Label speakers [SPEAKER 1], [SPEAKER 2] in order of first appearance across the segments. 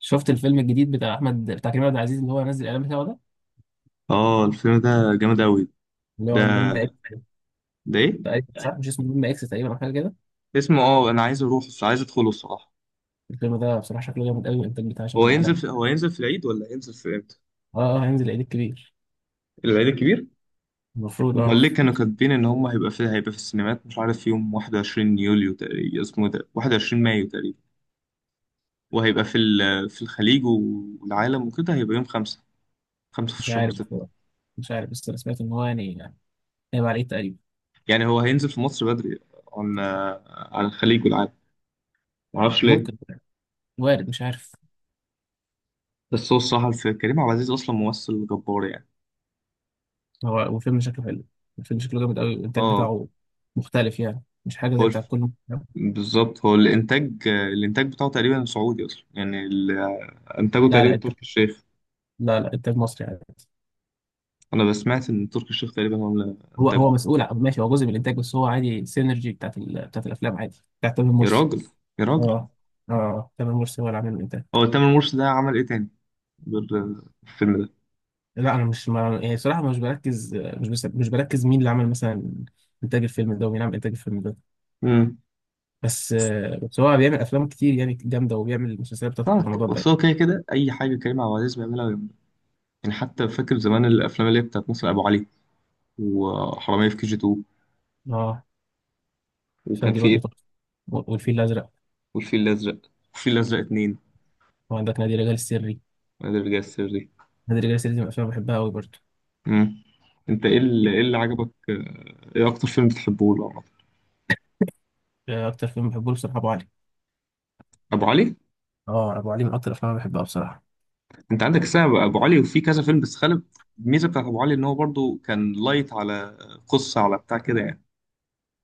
[SPEAKER 1] شفت الفيلم الجديد بتاع كريم عبد العزيز اللي هو نزل الاعلان بتاعه ده،
[SPEAKER 2] اه الفيلم ده جامد أوي.
[SPEAKER 1] اللي
[SPEAKER 2] ده
[SPEAKER 1] هو مهمة اكس.
[SPEAKER 2] ده إيه؟
[SPEAKER 1] تقريبا صح، مش اسمه مهمة اكس تقريبا او حاجه كده.
[SPEAKER 2] اسمه اه أنا عايز أروح، عايز أدخله الصراحة.
[SPEAKER 1] الفيلم ده بصراحه شكله جامد قوي، والانتاج بتاعه
[SPEAKER 2] هو
[SPEAKER 1] شكله
[SPEAKER 2] ينزل
[SPEAKER 1] عالمي.
[SPEAKER 2] هو ينزل في العيد ولا هينزل في إمتى؟
[SPEAKER 1] اه اه، هينزل العيد الكبير،
[SPEAKER 2] العيد الكبير؟
[SPEAKER 1] المفروض. اه
[SPEAKER 2] أمال ليه كانوا كاتبين إن هم هيبقى في السينمات مش عارف يوم 21 يوليو تقريبا، اسمه إيه ده، 21 مايو تقريبا. وهيبقى في الخليج والعالم وكده هيبقى يوم خمسة، خمسة في
[SPEAKER 1] مش
[SPEAKER 2] الشهر
[SPEAKER 1] عارف
[SPEAKER 2] ستة.
[SPEAKER 1] بصراحة. مش عارف، بس انا سمعت ان هو يعني هيبقى على العيد تقريبا.
[SPEAKER 2] يعني هو هينزل في مصر بدري عن على الخليج والعالم، معرفش ليه.
[SPEAKER 1] ممكن، وارد، مش عارف.
[SPEAKER 2] بس هو الصراحة كريم عبد العزيز أصلا ممثل جبار يعني.
[SPEAKER 1] هو وفيلم شكله حلو. الفيلم شكله جامد قوي، والانتاج
[SPEAKER 2] اه
[SPEAKER 1] بتاعه مختلف، يعني مش حاجه زي
[SPEAKER 2] قول،
[SPEAKER 1] بتاع كل.
[SPEAKER 2] بالظبط هو الانتاج بتاعه تقريبا سعودي اصلا، يعني انتاجه
[SPEAKER 1] لا لا،
[SPEAKER 2] تقريبا
[SPEAKER 1] انتاج.
[SPEAKER 2] تركي الشيخ.
[SPEAKER 1] لا لا، انتاج مصري عادي.
[SPEAKER 2] انا بسمعت ان تركي الشيخ تقريبا هو اللي
[SPEAKER 1] هو
[SPEAKER 2] انتاجه.
[SPEAKER 1] هو مسؤول ماشي، هو جزء من الانتاج، بس هو عادي السينرجي بتاعت الافلام، عادي بتاعت تامر
[SPEAKER 2] يا
[SPEAKER 1] مرسي.
[SPEAKER 2] راجل، يا راجل.
[SPEAKER 1] اه اه، تامر مرسي هو اللي عامل الانتاج.
[SPEAKER 2] هو تامر مرشد ده عمل ايه تاني غير الفيلم ده؟
[SPEAKER 1] لا انا مش ما يعني صراحه، مش بركز مش بس مش بركز مين اللي عمل مثلا انتاج الفيلم ده، ومين عمل انتاج الفيلم ده.
[SPEAKER 2] امم
[SPEAKER 1] بس هو بيعمل افلام كتير يعني جامده، وبيعمل مسلسلات بتاعت رمضان ده
[SPEAKER 2] بس
[SPEAKER 1] يعني.
[SPEAKER 2] هو كده كده اي حاجه كريم عبد العزيز بيعملها ويعملها. يعني حتى فاكر زمان الافلام اللي هي بتاعت مثلا ابو علي وحراميه في كي جي 2،
[SPEAKER 1] اه، الافلام
[SPEAKER 2] وكان
[SPEAKER 1] دي
[SPEAKER 2] في
[SPEAKER 1] برضه
[SPEAKER 2] ايه،
[SPEAKER 1] تحفه. والفيل الازرق.
[SPEAKER 2] والفيل الازرق، والفيل الازرق اتنين،
[SPEAKER 1] وعندك نادي الرجال السري.
[SPEAKER 2] نادي الرجال السري.
[SPEAKER 1] نادي الرجال السري دي من الافلام اللي بحبها قوي برضه.
[SPEAKER 2] امم انت إيه اللي عجبك ايه اكتر فيلم بتحبه له عامة؟
[SPEAKER 1] اكتر فيلم بحبه له بصراحه ابو علي.
[SPEAKER 2] ابو علي.
[SPEAKER 1] اه، ابو علي من اكتر الافلام اللي بحبها بصراحه.
[SPEAKER 2] انت عندك سبب ابو علي وفي كذا فيلم بس خالد؟ الميزه بتاعت ابو علي ان هو برضو كان لايت على قصه على بتاع كده يعني.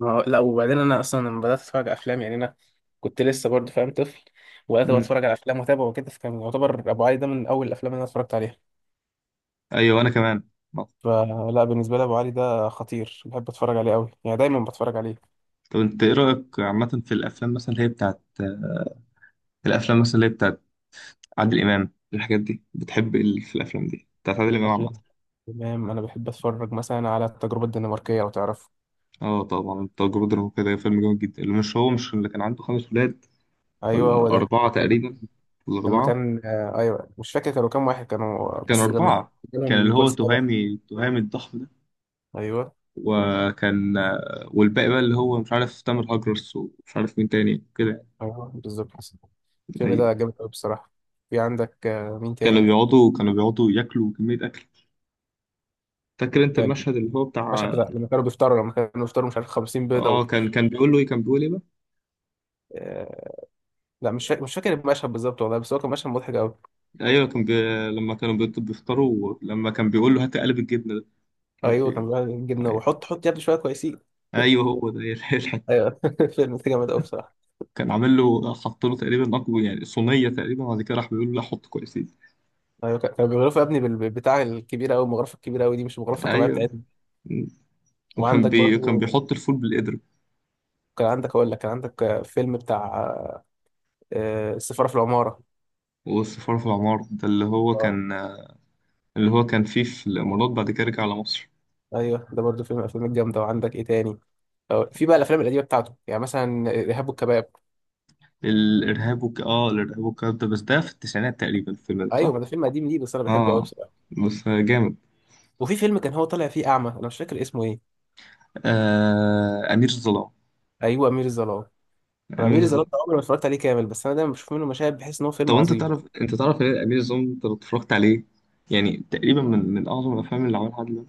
[SPEAKER 1] ما هو- لا، وبعدين انا اصلا لما بدات اتفرج على افلام، يعني انا كنت لسه برضه فاهم طفل، وبدات بقى
[SPEAKER 2] مم.
[SPEAKER 1] اتفرج على افلام واتابع وكده، فكان يعتبر ابو علي ده من اول الافلام اللي انا اتفرجت عليها.
[SPEAKER 2] ايوه انا كمان.
[SPEAKER 1] فلا، بالنسبه لي ابو علي ده خطير، بحب اتفرج عليه قوي، يعني دايما بتفرج عليه.
[SPEAKER 2] طب انت ايه رايك عامه في الافلام مثلا اللي هي بتاعت، الافلام مثلا اللي هي بتاعت عادل امام، الحاجات دي؟ بتحب ايه اللي في الافلام دي بتاعت عادل امام عامه؟
[SPEAKER 1] افلام تمام، انا بحب اتفرج مثلا على التجربه الدنماركيه لو تعرفه.
[SPEAKER 2] اه طبعا التجربه الدراميه كده فيلم جامد جدا، اللي مش هو مش اللي كان عنده خمس ولاد
[SPEAKER 1] ايوه
[SPEAKER 2] ولا
[SPEAKER 1] هو ده.
[SPEAKER 2] اربعه تقريبا؟ ولا
[SPEAKER 1] لما
[SPEAKER 2] اربعه؟
[SPEAKER 1] كان ايوه، مش فاكر كانوا كام واحد كانوا،
[SPEAKER 2] كان
[SPEAKER 1] بس لما
[SPEAKER 2] اربعه،
[SPEAKER 1] كانوا
[SPEAKER 2] كان اللي
[SPEAKER 1] نيكول
[SPEAKER 2] هو
[SPEAKER 1] سابا.
[SPEAKER 2] تهامي، تهامي الضخم ده،
[SPEAKER 1] ايوه،
[SPEAKER 2] وكان والباقي بقى اللي هو مش عارف تامر هجرس ومش عارف مين تاني كده.
[SPEAKER 1] ايوه، بالظبط. الفيلم
[SPEAKER 2] أيوة.
[SPEAKER 1] ده جامد قوي بصراحه. في عندك مين
[SPEAKER 2] كانوا
[SPEAKER 1] تاني.
[SPEAKER 2] بيقعدوا كانوا بيقعدوا ياكلوا كمية أكل. فاكر أنت المشهد اللي هو
[SPEAKER 1] المشهد
[SPEAKER 2] بتاع؟
[SPEAKER 1] بتاع لما كانوا بيفطروا، مش عارف 50 بيضه
[SPEAKER 2] اه كان كان بيقول له ايه كان بيقول ايه بقى؟
[SPEAKER 1] آه... لا، مش فاكر المشهد بالظبط والله، بس هو كان مشهد مضحك قوي.
[SPEAKER 2] ايوه لما بيفطروا، لما كان بيقول له هات قلب الجبنه ده مش عارف
[SPEAKER 1] ايوه كان
[SPEAKER 2] ايه.
[SPEAKER 1] بيقول جبنه،
[SPEAKER 2] ايوه،
[SPEAKER 1] وحط حط يا ابني شويه كويسين.
[SPEAKER 2] ايوه هو ده يلحق.
[SPEAKER 1] ايوه فيلم ده جامد قوي بصراحه.
[SPEAKER 2] كان عامل له حط له تقريبا اكبر يعني صينيه تقريبا، بعد كده راح بيقول له لا حط كويسين.
[SPEAKER 1] ايوه كانوا بيغرفوا يا ابني بتاع الكبيره قوي، المغرفه الكبيره قوي دي، مش المغرفه الطبيعيه
[SPEAKER 2] ايوه،
[SPEAKER 1] بتاعتنا.
[SPEAKER 2] وكان
[SPEAKER 1] وعندك
[SPEAKER 2] كان
[SPEAKER 1] برضو
[SPEAKER 2] بيحط الفول بالقدر.
[SPEAKER 1] كان عندك، اقول لك، كان عندك فيلم بتاع السفاره في العماره.
[SPEAKER 2] والسفارة في العمار ده اللي هو
[SPEAKER 1] اه
[SPEAKER 2] كان، اللي هو كان فيه في الإمارات، بعد كده رجع على مصر.
[SPEAKER 1] ايوه، ده برضو فيلم من الافلام الجامده. وعندك ايه تاني؟ في بقى الافلام القديمه بتاعته، يعني مثلا ارهاب والكباب.
[SPEAKER 2] الإرهاب آه الإرهاب والكلام ده، بس ده في التسعينات تقريبا الفيلم ده،
[SPEAKER 1] ايوه،
[SPEAKER 2] صح؟
[SPEAKER 1] ما ده فيلم قديم ليه، بس انا بحبه قوي.
[SPEAKER 2] آه بس جامد.
[SPEAKER 1] وفي فيلم كان هو طالع فيه اعمى، انا مش فاكر اسمه ايه.
[SPEAKER 2] آه أمير الظلام.
[SPEAKER 1] ايوه، امير الظلام. انا
[SPEAKER 2] أمير
[SPEAKER 1] امير الظلام
[SPEAKER 2] الظلام،
[SPEAKER 1] ده عمري ما اتفرجت عليه كامل، بس انا دايما بشوف منه مشاهد، بحس ان هو
[SPEAKER 2] طب
[SPEAKER 1] فيلم
[SPEAKER 2] أنت
[SPEAKER 1] عظيم.
[SPEAKER 2] تعرف إيه أمير الظلام أنت لو اتفرجت عليه؟ يعني تقريبا من من أعظم الأفلام اللي عملها عادل إمام.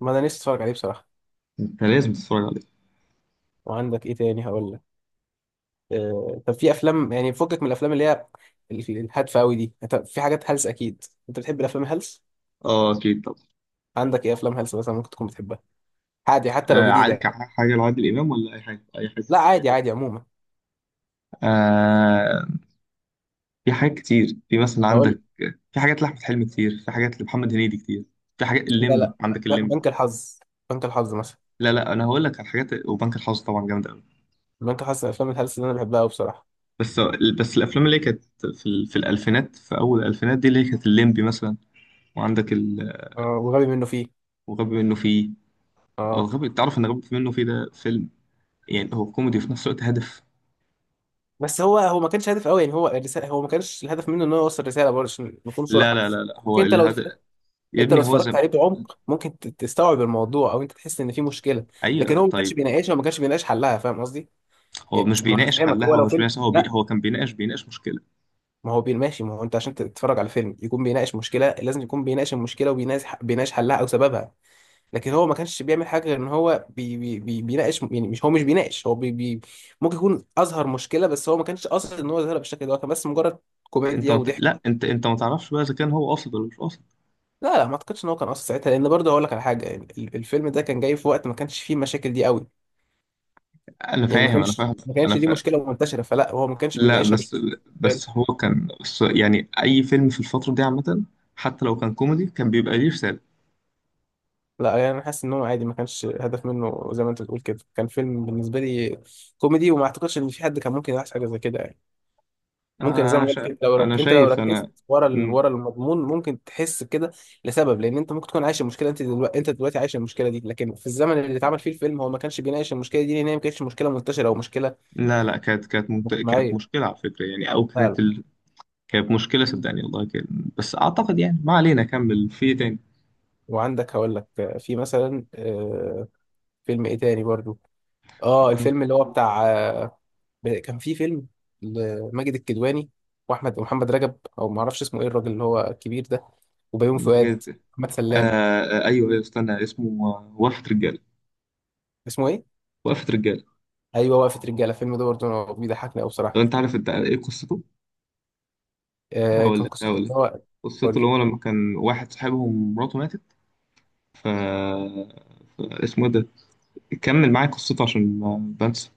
[SPEAKER 1] ما انا نفسي اتفرج عليه بصراحه.
[SPEAKER 2] أنت لازم تتفرج عليه.
[SPEAKER 1] وعندك ايه تاني هقول لك؟ طب في افلام يعني فكك من الافلام اللي هي الهادفه قوي دي. طب في حاجات هلس اكيد، انت بتحب الافلام الهلس.
[SPEAKER 2] آه أكيد. طب
[SPEAKER 1] عندك ايه افلام هلس مثلا ممكن تكون بتحبها؟ عادي، حتى لو
[SPEAKER 2] آه
[SPEAKER 1] جديده
[SPEAKER 2] عادل-
[SPEAKER 1] يعني.
[SPEAKER 2] حاجة لعادل إمام ولا أي حاجة؟ أي حاجة.
[SPEAKER 1] لا عادي، عادي عموما،
[SPEAKER 2] آه في حاجات كتير، في مثلا
[SPEAKER 1] هقول لك.
[SPEAKER 2] عندك، في حاجات لأحمد حلمي كتير، في حاجات لمحمد هنيدي كتير، في حاجات
[SPEAKER 1] لا
[SPEAKER 2] الليمبي،
[SPEAKER 1] لا،
[SPEAKER 2] عندك الليمبي.
[SPEAKER 1] بنك الحظ. بنك الحظ مثلا.
[SPEAKER 2] لا لا أنا هقول لك على حاجات، وبنك الحظ طبعا جامد أوي.
[SPEAKER 1] بنك الحظ من الافلام الهلس اللي انا بحبها قوي بصراحه.
[SPEAKER 2] بس الأفلام اللي هي كانت في الألفينات، في أول الألفينات دي، اللي هي كانت الليمبي مثلا وعندك
[SPEAKER 1] وغبي منه فيه.
[SPEAKER 2] وغبي منه فيه. أو
[SPEAKER 1] اه،
[SPEAKER 2] غبي، تعرف إن غبي منه فيه ده فيلم، يعني هو كوميدي وفي نفس الوقت هدف.
[SPEAKER 1] بس هو هو ما كانش هدف قوي يعني، هو الرساله، هو ما كانش الهدف منه ان هو يوصل رساله برضه عشان نكون
[SPEAKER 2] لا
[SPEAKER 1] صراحه.
[SPEAKER 2] لا لا لا
[SPEAKER 1] ممكن
[SPEAKER 2] هو الهدف. يا
[SPEAKER 1] انت لو
[SPEAKER 2] ابني هو
[SPEAKER 1] اتفرجت
[SPEAKER 2] زم،
[SPEAKER 1] عليه بعمق ممكن تستوعب الموضوع، او انت تحس ان في مشكله، لكن
[SPEAKER 2] أيوه
[SPEAKER 1] هو ما كانش
[SPEAKER 2] طيب.
[SPEAKER 1] بيناقشها، وما كانش بيناقش حلها. فاهم قصدي؟
[SPEAKER 2] هو
[SPEAKER 1] يعني
[SPEAKER 2] مش
[SPEAKER 1] ما
[SPEAKER 2] بيناقش
[SPEAKER 1] هفهمك هو
[SPEAKER 2] حلها
[SPEAKER 1] لو
[SPEAKER 2] ومش
[SPEAKER 1] فيلم،
[SPEAKER 2] بيناقش،
[SPEAKER 1] لا،
[SPEAKER 2] هو كان بيناقش، بيناقش مشكلة.
[SPEAKER 1] ما هو ماشي، ما هو انت عشان تتفرج على فيلم يكون بيناقش مشكله، لازم يكون بيناقش المشكله، وبيناقش حلها او سببها. لكن هو ما كانش بيعمل حاجه غير ان هو بي بي بي بيناقش، يعني مش هو مش بيناقش هو بي بي ممكن يكون اظهر مشكله، بس هو ما كانش قاصد ان هو يظهرها بالشكل ده، هو كان بس مجرد كوميديا
[SPEAKER 2] لا
[SPEAKER 1] وضحك.
[SPEAKER 2] انت ما تعرفش بقى اذا كان هو قاصد ولا مش قاصد.
[SPEAKER 1] لا لا، ما اعتقدش ان هو كان قاصد ساعتها، لان برضه هقول لك على حاجه، يعني الفيلم ده كان جاي في وقت ما كانش فيه المشاكل دي قوي،
[SPEAKER 2] انا
[SPEAKER 1] يعني ما
[SPEAKER 2] فاهم، انا
[SPEAKER 1] كانش
[SPEAKER 2] فاهم،
[SPEAKER 1] ما
[SPEAKER 2] انا
[SPEAKER 1] كانش دي
[SPEAKER 2] فاهم.
[SPEAKER 1] مشكله منتشره، فلا هو ما كانش
[SPEAKER 2] لا
[SPEAKER 1] بيناقشها.
[SPEAKER 2] بس،
[SPEAKER 1] فاهم؟
[SPEAKER 2] بس هو كان بس يعني اي فيلم في الفتره دي عامه حتى لو كان كوميدي كان بيبقى ليه رساله.
[SPEAKER 1] لا، يعني انا حاسس ان هو عادي، ما كانش هدف منه زي ما انت بتقول كده، كان فيلم بالنسبه لي كوميدي، وما اعتقدش ان في حد كان ممكن يلاحظ حاجه زي كده يعني.
[SPEAKER 2] آه،
[SPEAKER 1] ممكن زي
[SPEAKER 2] انا
[SPEAKER 1] ما قلت
[SPEAKER 2] شا...
[SPEAKER 1] كده،
[SPEAKER 2] انا
[SPEAKER 1] انت لو
[SPEAKER 2] شايف
[SPEAKER 1] ركزت
[SPEAKER 2] انا.
[SPEAKER 1] ورا
[SPEAKER 2] مم.
[SPEAKER 1] ورا المضمون ممكن تحس كده، لسبب لان انت ممكن تكون عايش المشكله، انت دلوقتي عايش المشكله دي، لكن في الزمن اللي اتعمل فيه الفيلم هو ما كانش بيناقش المشكله دي، لان هي ما كانتش مشكله منتشره او مشكله
[SPEAKER 2] لا لا كانت كانت
[SPEAKER 1] مجتمعيه
[SPEAKER 2] مشكله على فكره، يعني او كانت
[SPEAKER 1] فعلا.
[SPEAKER 2] كانت مشكله صدقني والله كان، بس اعتقد يعني ما علينا، كمل في إيه تاني.
[SPEAKER 1] وعندك، هقول لك في مثلا، فيلم ايه تاني برضو. اه الفيلم اللي هو بتاع، كان في فيلم لماجد الكدواني، واحمد، ومحمد رجب، او ما اعرفش اسمه ايه الراجل اللي هو الكبير ده، وبيومي فؤاد،
[SPEAKER 2] مجد-
[SPEAKER 1] محمد
[SPEAKER 2] آه
[SPEAKER 1] سلام.
[SPEAKER 2] ايوه، ايوه استنى اسمه وقفه رجاله.
[SPEAKER 1] اسمه ايه؟
[SPEAKER 2] وقفه رجاله.
[SPEAKER 1] ايوه، وقفه رجاله. الفيلم ده برضو أنا بيضحكني قوي
[SPEAKER 2] لو
[SPEAKER 1] بصراحه.
[SPEAKER 2] انت عارف انت ايه قصته؟ هقول
[SPEAKER 1] كان
[SPEAKER 2] لك،
[SPEAKER 1] قصته
[SPEAKER 2] هقول
[SPEAKER 1] ان
[SPEAKER 2] لك
[SPEAKER 1] هو، قول
[SPEAKER 2] قصته.
[SPEAKER 1] لي.
[SPEAKER 2] اللي هو لما كان واحد صاحبهم مراته ماتت، اسمه ده، كمل معايا قصته عشان ما بنسى.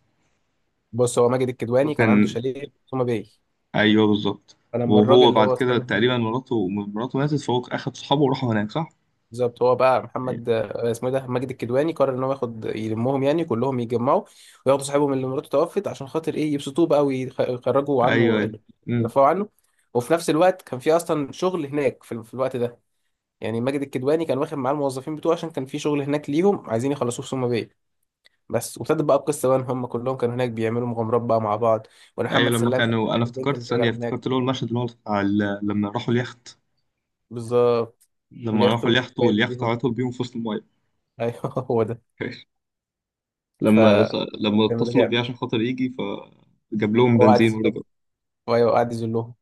[SPEAKER 1] بص، هو ماجد
[SPEAKER 2] لو
[SPEAKER 1] الكدواني كان عنده
[SPEAKER 2] كان،
[SPEAKER 1] شاليه في سوما باي،
[SPEAKER 2] ايوه بالظبط.
[SPEAKER 1] فلما الراجل
[SPEAKER 2] وهو
[SPEAKER 1] اللي
[SPEAKER 2] بعد
[SPEAKER 1] هو
[SPEAKER 2] كده
[SPEAKER 1] صاحب،
[SPEAKER 2] تقريبا مراته، مراته ماتت، فهو اخد صحابه وراحوا هناك صح؟
[SPEAKER 1] بالظبط، هو بقى
[SPEAKER 2] ايوه،
[SPEAKER 1] محمد آه، اسمه إيه ده، ماجد الكدواني قرر ان هو ياخد يلمهم، يعني كلهم يتجمعوا وياخدوا صاحبهم اللي مراته توفت عشان خاطر ايه، يبسطوه بقى ويخرجوا عنه،
[SPEAKER 2] ايوه. امم
[SPEAKER 1] يرفعوا عنه. وفي نفس الوقت كان في اصلا شغل هناك في الوقت ده، يعني ماجد الكدواني كان واخد معاه الموظفين بتوعه عشان كان في شغل هناك ليهم عايزين يخلصوه في سوما باي بس. وابتدت بقى القصه بقى ان هم كلهم كانوا هناك بيعملوا مغامرات بقى مع بعض، وان
[SPEAKER 2] ايوه.
[SPEAKER 1] محمد
[SPEAKER 2] لما
[SPEAKER 1] سلام كان
[SPEAKER 2] كانوا انا
[SPEAKER 1] بيحب البنت
[SPEAKER 2] افتكرت
[SPEAKER 1] اللي
[SPEAKER 2] ثانيه،
[SPEAKER 1] شغاله
[SPEAKER 2] افتكرت
[SPEAKER 1] هناك.
[SPEAKER 2] اللي هو المشهد اللي هو بتاع لما راحوا اليخت.
[SPEAKER 1] بالظبط،
[SPEAKER 2] لما
[SPEAKER 1] واليخت
[SPEAKER 2] راحوا
[SPEAKER 1] واقف
[SPEAKER 2] اليخت واليخت
[SPEAKER 1] بيهم
[SPEAKER 2] عطل بيهم في وسط المايه.
[SPEAKER 1] ايوه هو ده. ف
[SPEAKER 2] لما، لما
[SPEAKER 1] كان ده
[SPEAKER 2] اتصلوا
[SPEAKER 1] جامد.
[SPEAKER 2] بيه عشان خاطر يجي، فجاب لهم
[SPEAKER 1] هو قاعد،
[SPEAKER 2] بنزين ورجعوا.
[SPEAKER 1] وايوه قعد يذلهم،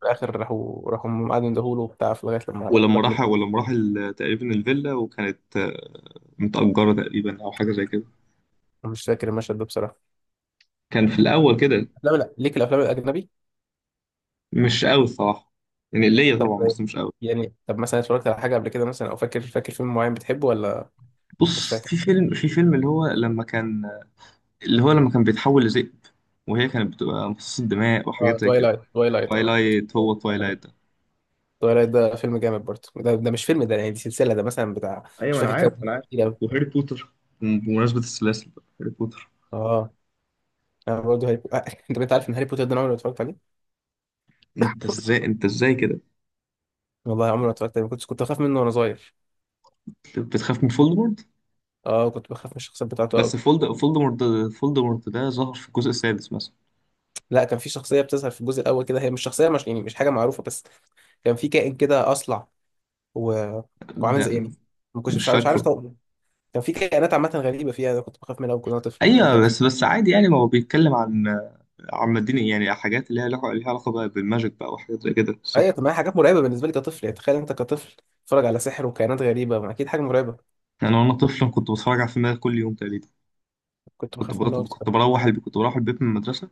[SPEAKER 1] في الاخر راحوا قعدوا يندهوله وبتاع في لغايه لما
[SPEAKER 2] ولما
[SPEAKER 1] راح
[SPEAKER 2] راح، ولما راح تقريبا الفيلا، وكانت متأجرة تقريبا أو حاجة زي كده،
[SPEAKER 1] مش فاكر المشهد ده بصراحه.
[SPEAKER 2] كان في الأول كده.
[SPEAKER 1] لا لا، ليك الافلام الاجنبي.
[SPEAKER 2] مش قوي الصراحة، يعني ليا طبعا
[SPEAKER 1] طب،
[SPEAKER 2] بس مش قوي.
[SPEAKER 1] مثلا اتفرجت على حاجه قبل كده مثلا، او فاكر فيلم معين بتحبه ولا؟ مش
[SPEAKER 2] بص
[SPEAKER 1] فاكر.
[SPEAKER 2] في فيلم، في فيلم اللي هو لما كان، اللي هو لما كان بيتحول لذئب، وهي كانت بتبقى مصاصة دماء
[SPEAKER 1] اه،
[SPEAKER 2] وحاجات زي كده.
[SPEAKER 1] توايلايت، توايلايت اه
[SPEAKER 2] توايلايت، هو توايلايت ده.
[SPEAKER 1] توايلايت ده فيلم جامد برضه، ده مش فيلم ده يعني، دي سلسله ده مثلا بتاع مش
[SPEAKER 2] ايوه انا
[SPEAKER 1] فاكر كام
[SPEAKER 2] عارف، انا
[SPEAKER 1] جزء،
[SPEAKER 2] عارف.
[SPEAKER 1] كتير قوي.
[SPEAKER 2] وهاري بوتر، بمناسبة السلاسل بقى هاري بوتر.
[SPEAKER 1] اه، انا برضه هاري بوتر انت عارف ان هاري بوتر ده انا عمري ما اتفرجت عليه.
[SPEAKER 2] انت ازاي، انت ازاي كده
[SPEAKER 1] والله عمري ما اتفرجت عليه، كنت بخاف منه وانا صغير.
[SPEAKER 2] بتخاف من فولدمورت؟
[SPEAKER 1] اه، كنت بخاف من الشخصيات بتاعته
[SPEAKER 2] بس
[SPEAKER 1] قوي.
[SPEAKER 2] فولدمورت، فولدمورت ده ظهر في الجزء السادس مثلا.
[SPEAKER 1] لا، كان في شخصية بتظهر في الجزء الأول كده، هي مش شخصية، مش يعني مش حاجة معروفة، بس كان في كائن كده أصلع و... وعامل
[SPEAKER 2] ده
[SPEAKER 1] زي يعني، ما كنتش،
[SPEAKER 2] مش
[SPEAKER 1] مش عارف
[SPEAKER 2] فاكره.
[SPEAKER 1] طبعا. كان في كائنات عامة غريبة فيها، أنا كنت بخاف منها، وكنت وأنا طفل كنت
[SPEAKER 2] ايوه
[SPEAKER 1] بخاف.
[SPEAKER 2] بس عادي يعني، ما هو بيتكلم عن، عن مدينة يعني حاجات اللي هي ليها علاقه بقى بالماجيك بقى وحاجات زي كده صح.
[SPEAKER 1] أيوة، كان معايا حاجات مرعبة بالنسبة لي كطفل يعني، تخيل أنت كطفل تتفرج على سحر وكائنات غريبة، ما أكيد حاجة مرعبة.
[SPEAKER 2] يعني انا وانا طفل كنت بتفرج على الفيلم ده كل يوم تقريبا.
[SPEAKER 1] كنت
[SPEAKER 2] كنت
[SPEAKER 1] بخاف
[SPEAKER 2] بروح،
[SPEAKER 1] منها أكتر.
[SPEAKER 2] كنت بروح البيت من المدرسه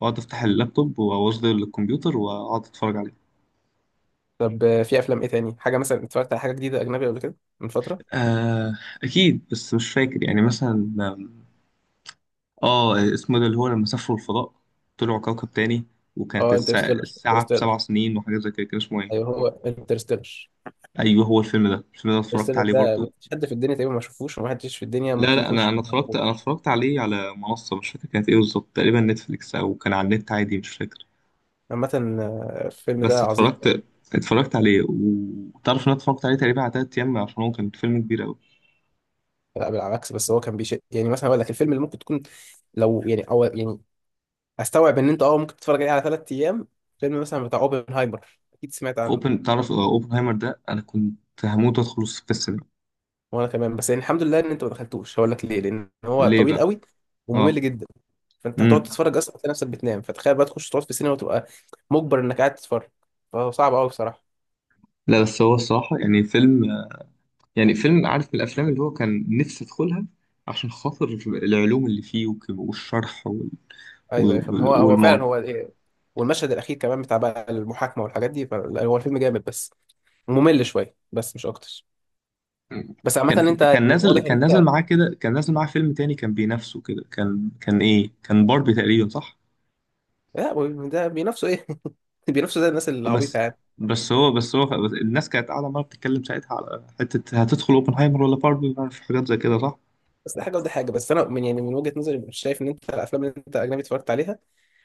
[SPEAKER 2] واقعد افتح اللابتوب واوصله للكمبيوتر واقعد اتفرج عليه.
[SPEAKER 1] طب في أفلام إيه تاني؟ حاجة مثلا اتفرجت على حاجة جديدة أجنبي قبل كده من فترة؟
[SPEAKER 2] آه اكيد بس مش فاكر يعني مثلا اه اسمه ده اللي هو لما سافروا الفضاء، طلعوا كوكب تاني، وكانت
[SPEAKER 1] أه، انترستيلر،
[SPEAKER 2] الساعة
[SPEAKER 1] انترستيلر.
[SPEAKER 2] بسبع سنين وحاجات زي كده، كان اسمه ايه؟
[SPEAKER 1] أيوه، هو انترستيلر.
[SPEAKER 2] ايوه هو الفيلم ده، الفيلم ده اتفرجت
[SPEAKER 1] انترستيلر
[SPEAKER 2] عليه
[SPEAKER 1] ده
[SPEAKER 2] برضه.
[SPEAKER 1] مفيش حد في الدنيا تقريبا ما شافوش، ومحدش في الدنيا
[SPEAKER 2] لا
[SPEAKER 1] ممكن
[SPEAKER 2] لا
[SPEAKER 1] يكون
[SPEAKER 2] انا،
[SPEAKER 1] شاف.
[SPEAKER 2] انا اتفرجت عليه على منصه، مش فاكر كانت ايه بالظبط، تقريبا نتفليكس او كان على النت عادي مش فاكر.
[SPEAKER 1] عامة الفيلم ده
[SPEAKER 2] بس
[SPEAKER 1] عظيم يعني.
[SPEAKER 2] اتفرجت، اتفرجت عليه، وتعرف ان انا اتفرجت عليه تقريبا على تلات ايام عشان هو كان فيلم كبير قوي.
[SPEAKER 1] لا بالعكس، بس هو كان يعني، مثلا اقول لك الفيلم اللي ممكن تكون لو يعني او يعني استوعب ان انت ممكن تتفرج عليه على ثلاث ايام، فيلم مثلا بتاع اوبنهايمر، اكيد سمعت عنه.
[SPEAKER 2] اوبن تعرف اوبنهايمر ده انا كنت هموت ادخل في السينما.
[SPEAKER 1] وانا كمان، بس يعني الحمد لله ان انت ما دخلتوش، هقول لك ليه، لان هو
[SPEAKER 2] ليه
[SPEAKER 1] طويل
[SPEAKER 2] بقى؟
[SPEAKER 1] قوي
[SPEAKER 2] اه.
[SPEAKER 1] وممل جدا، فانت هتقعد
[SPEAKER 2] امم
[SPEAKER 1] تتفرج اصلا تلاقي نفسك بتنام، فتخيل بقى تخش تقعد في السينما وتبقى مجبر انك قاعد تتفرج، فهو صعب قوي بصراحة.
[SPEAKER 2] لا بس هو الصراحه يعني فيلم، يعني فيلم عارف، من الافلام اللي هو كان نفسي ادخلها عشان خاطر العلوم اللي فيه والشرح
[SPEAKER 1] ايوه يا فاهم، هو هو فعلا
[SPEAKER 2] والموضوع.
[SPEAKER 1] هو إيه. والمشهد الاخير كمان بتاع بقى المحاكمة والحاجات دي، فهو الفيلم جامد، بس ممل شوية بس، مش اكتر.
[SPEAKER 2] مم.
[SPEAKER 1] بس عامة
[SPEAKER 2] كان،
[SPEAKER 1] انت يعني
[SPEAKER 2] كان نازل،
[SPEAKER 1] واضح ان
[SPEAKER 2] كان نازل
[SPEAKER 1] انت.
[SPEAKER 2] معاه كده، كان نازل معاه فيلم تاني كان بينافسه كده، كان كان ايه، كان باربي تقريبا صح.
[SPEAKER 1] لا، هو ده بينافسوا ايه؟ بينافسوا زي الناس العبيطة
[SPEAKER 2] بس،
[SPEAKER 1] يعني.
[SPEAKER 2] هو الناس كانت قاعده ما بتتكلم ساعتها على حته هتدخل اوبنهايمر ولا باربي، في حاجات زي كده صح.
[SPEAKER 1] بس ده حاجة وده حاجة، بس انا من وجهة نظري مش شايف ان انت الافلام اللي انت اجنبي اتفرجت عليها،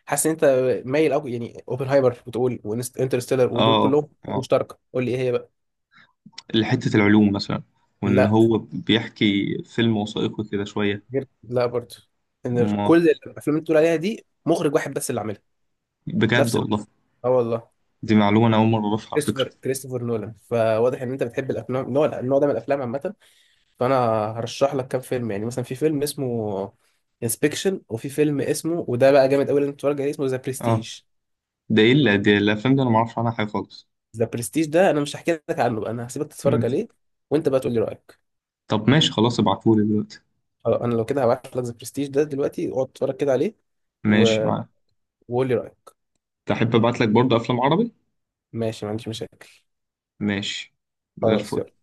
[SPEAKER 1] حاسس ان انت مايل قوي، يعني اوبنهايمر بتقول وانترستيلر، ودول
[SPEAKER 2] اه،
[SPEAKER 1] كلهم حاجة
[SPEAKER 2] اه
[SPEAKER 1] مشتركة، قول لي ايه هي بقى؟
[SPEAKER 2] حته العلوم مثلا، وان
[SPEAKER 1] لا،
[SPEAKER 2] هو بيحكي فيلم وثائقي كده شويه.
[SPEAKER 1] غير، لا برضه، ان
[SPEAKER 2] ما
[SPEAKER 1] كل الافلام اللي بتقول عليها دي مخرج واحد بس اللي عاملها،
[SPEAKER 2] بجد
[SPEAKER 1] نفس الم...
[SPEAKER 2] والله،
[SPEAKER 1] اه والله.
[SPEAKER 2] دي معلومه انا اول مره اعرفها على
[SPEAKER 1] كريستوفر
[SPEAKER 2] فكره.
[SPEAKER 1] كريستوفر نولان، فواضح ان انت بتحب الافلام النوع ده من الافلام عامة، فانا هرشح لك كام فيلم، يعني مثلا في فيلم اسمه انسبكشن، وفي فيلم اسمه، وده بقى جامد قوي لازم تتفرج عليه، اسمه ذا
[SPEAKER 2] اه
[SPEAKER 1] برستيج.
[SPEAKER 2] ده دي الافلام دي انا ما اعرفش عنها حاجه خالص.
[SPEAKER 1] ذا برستيج ده انا مش هحكي لك عنه بقى، انا هسيبك تتفرج
[SPEAKER 2] مم.
[SPEAKER 1] عليه، وانت بقى تقول لي رايك.
[SPEAKER 2] طب ماشي خلاص، ابعتهولي دلوقتي.
[SPEAKER 1] خلاص، انا لو كده هبعت لك ذا برستيج ده دلوقتي، اقعد تتفرج كده عليه،
[SPEAKER 2] ماشي
[SPEAKER 1] و...
[SPEAKER 2] معاك.
[SPEAKER 1] وقول لي رايك.
[SPEAKER 2] تحب ابعت لك برضه افلام عربي؟
[SPEAKER 1] ماشي، ما عنديش مشاكل.
[SPEAKER 2] ماشي، زي
[SPEAKER 1] خلاص،
[SPEAKER 2] الفل.
[SPEAKER 1] يلا.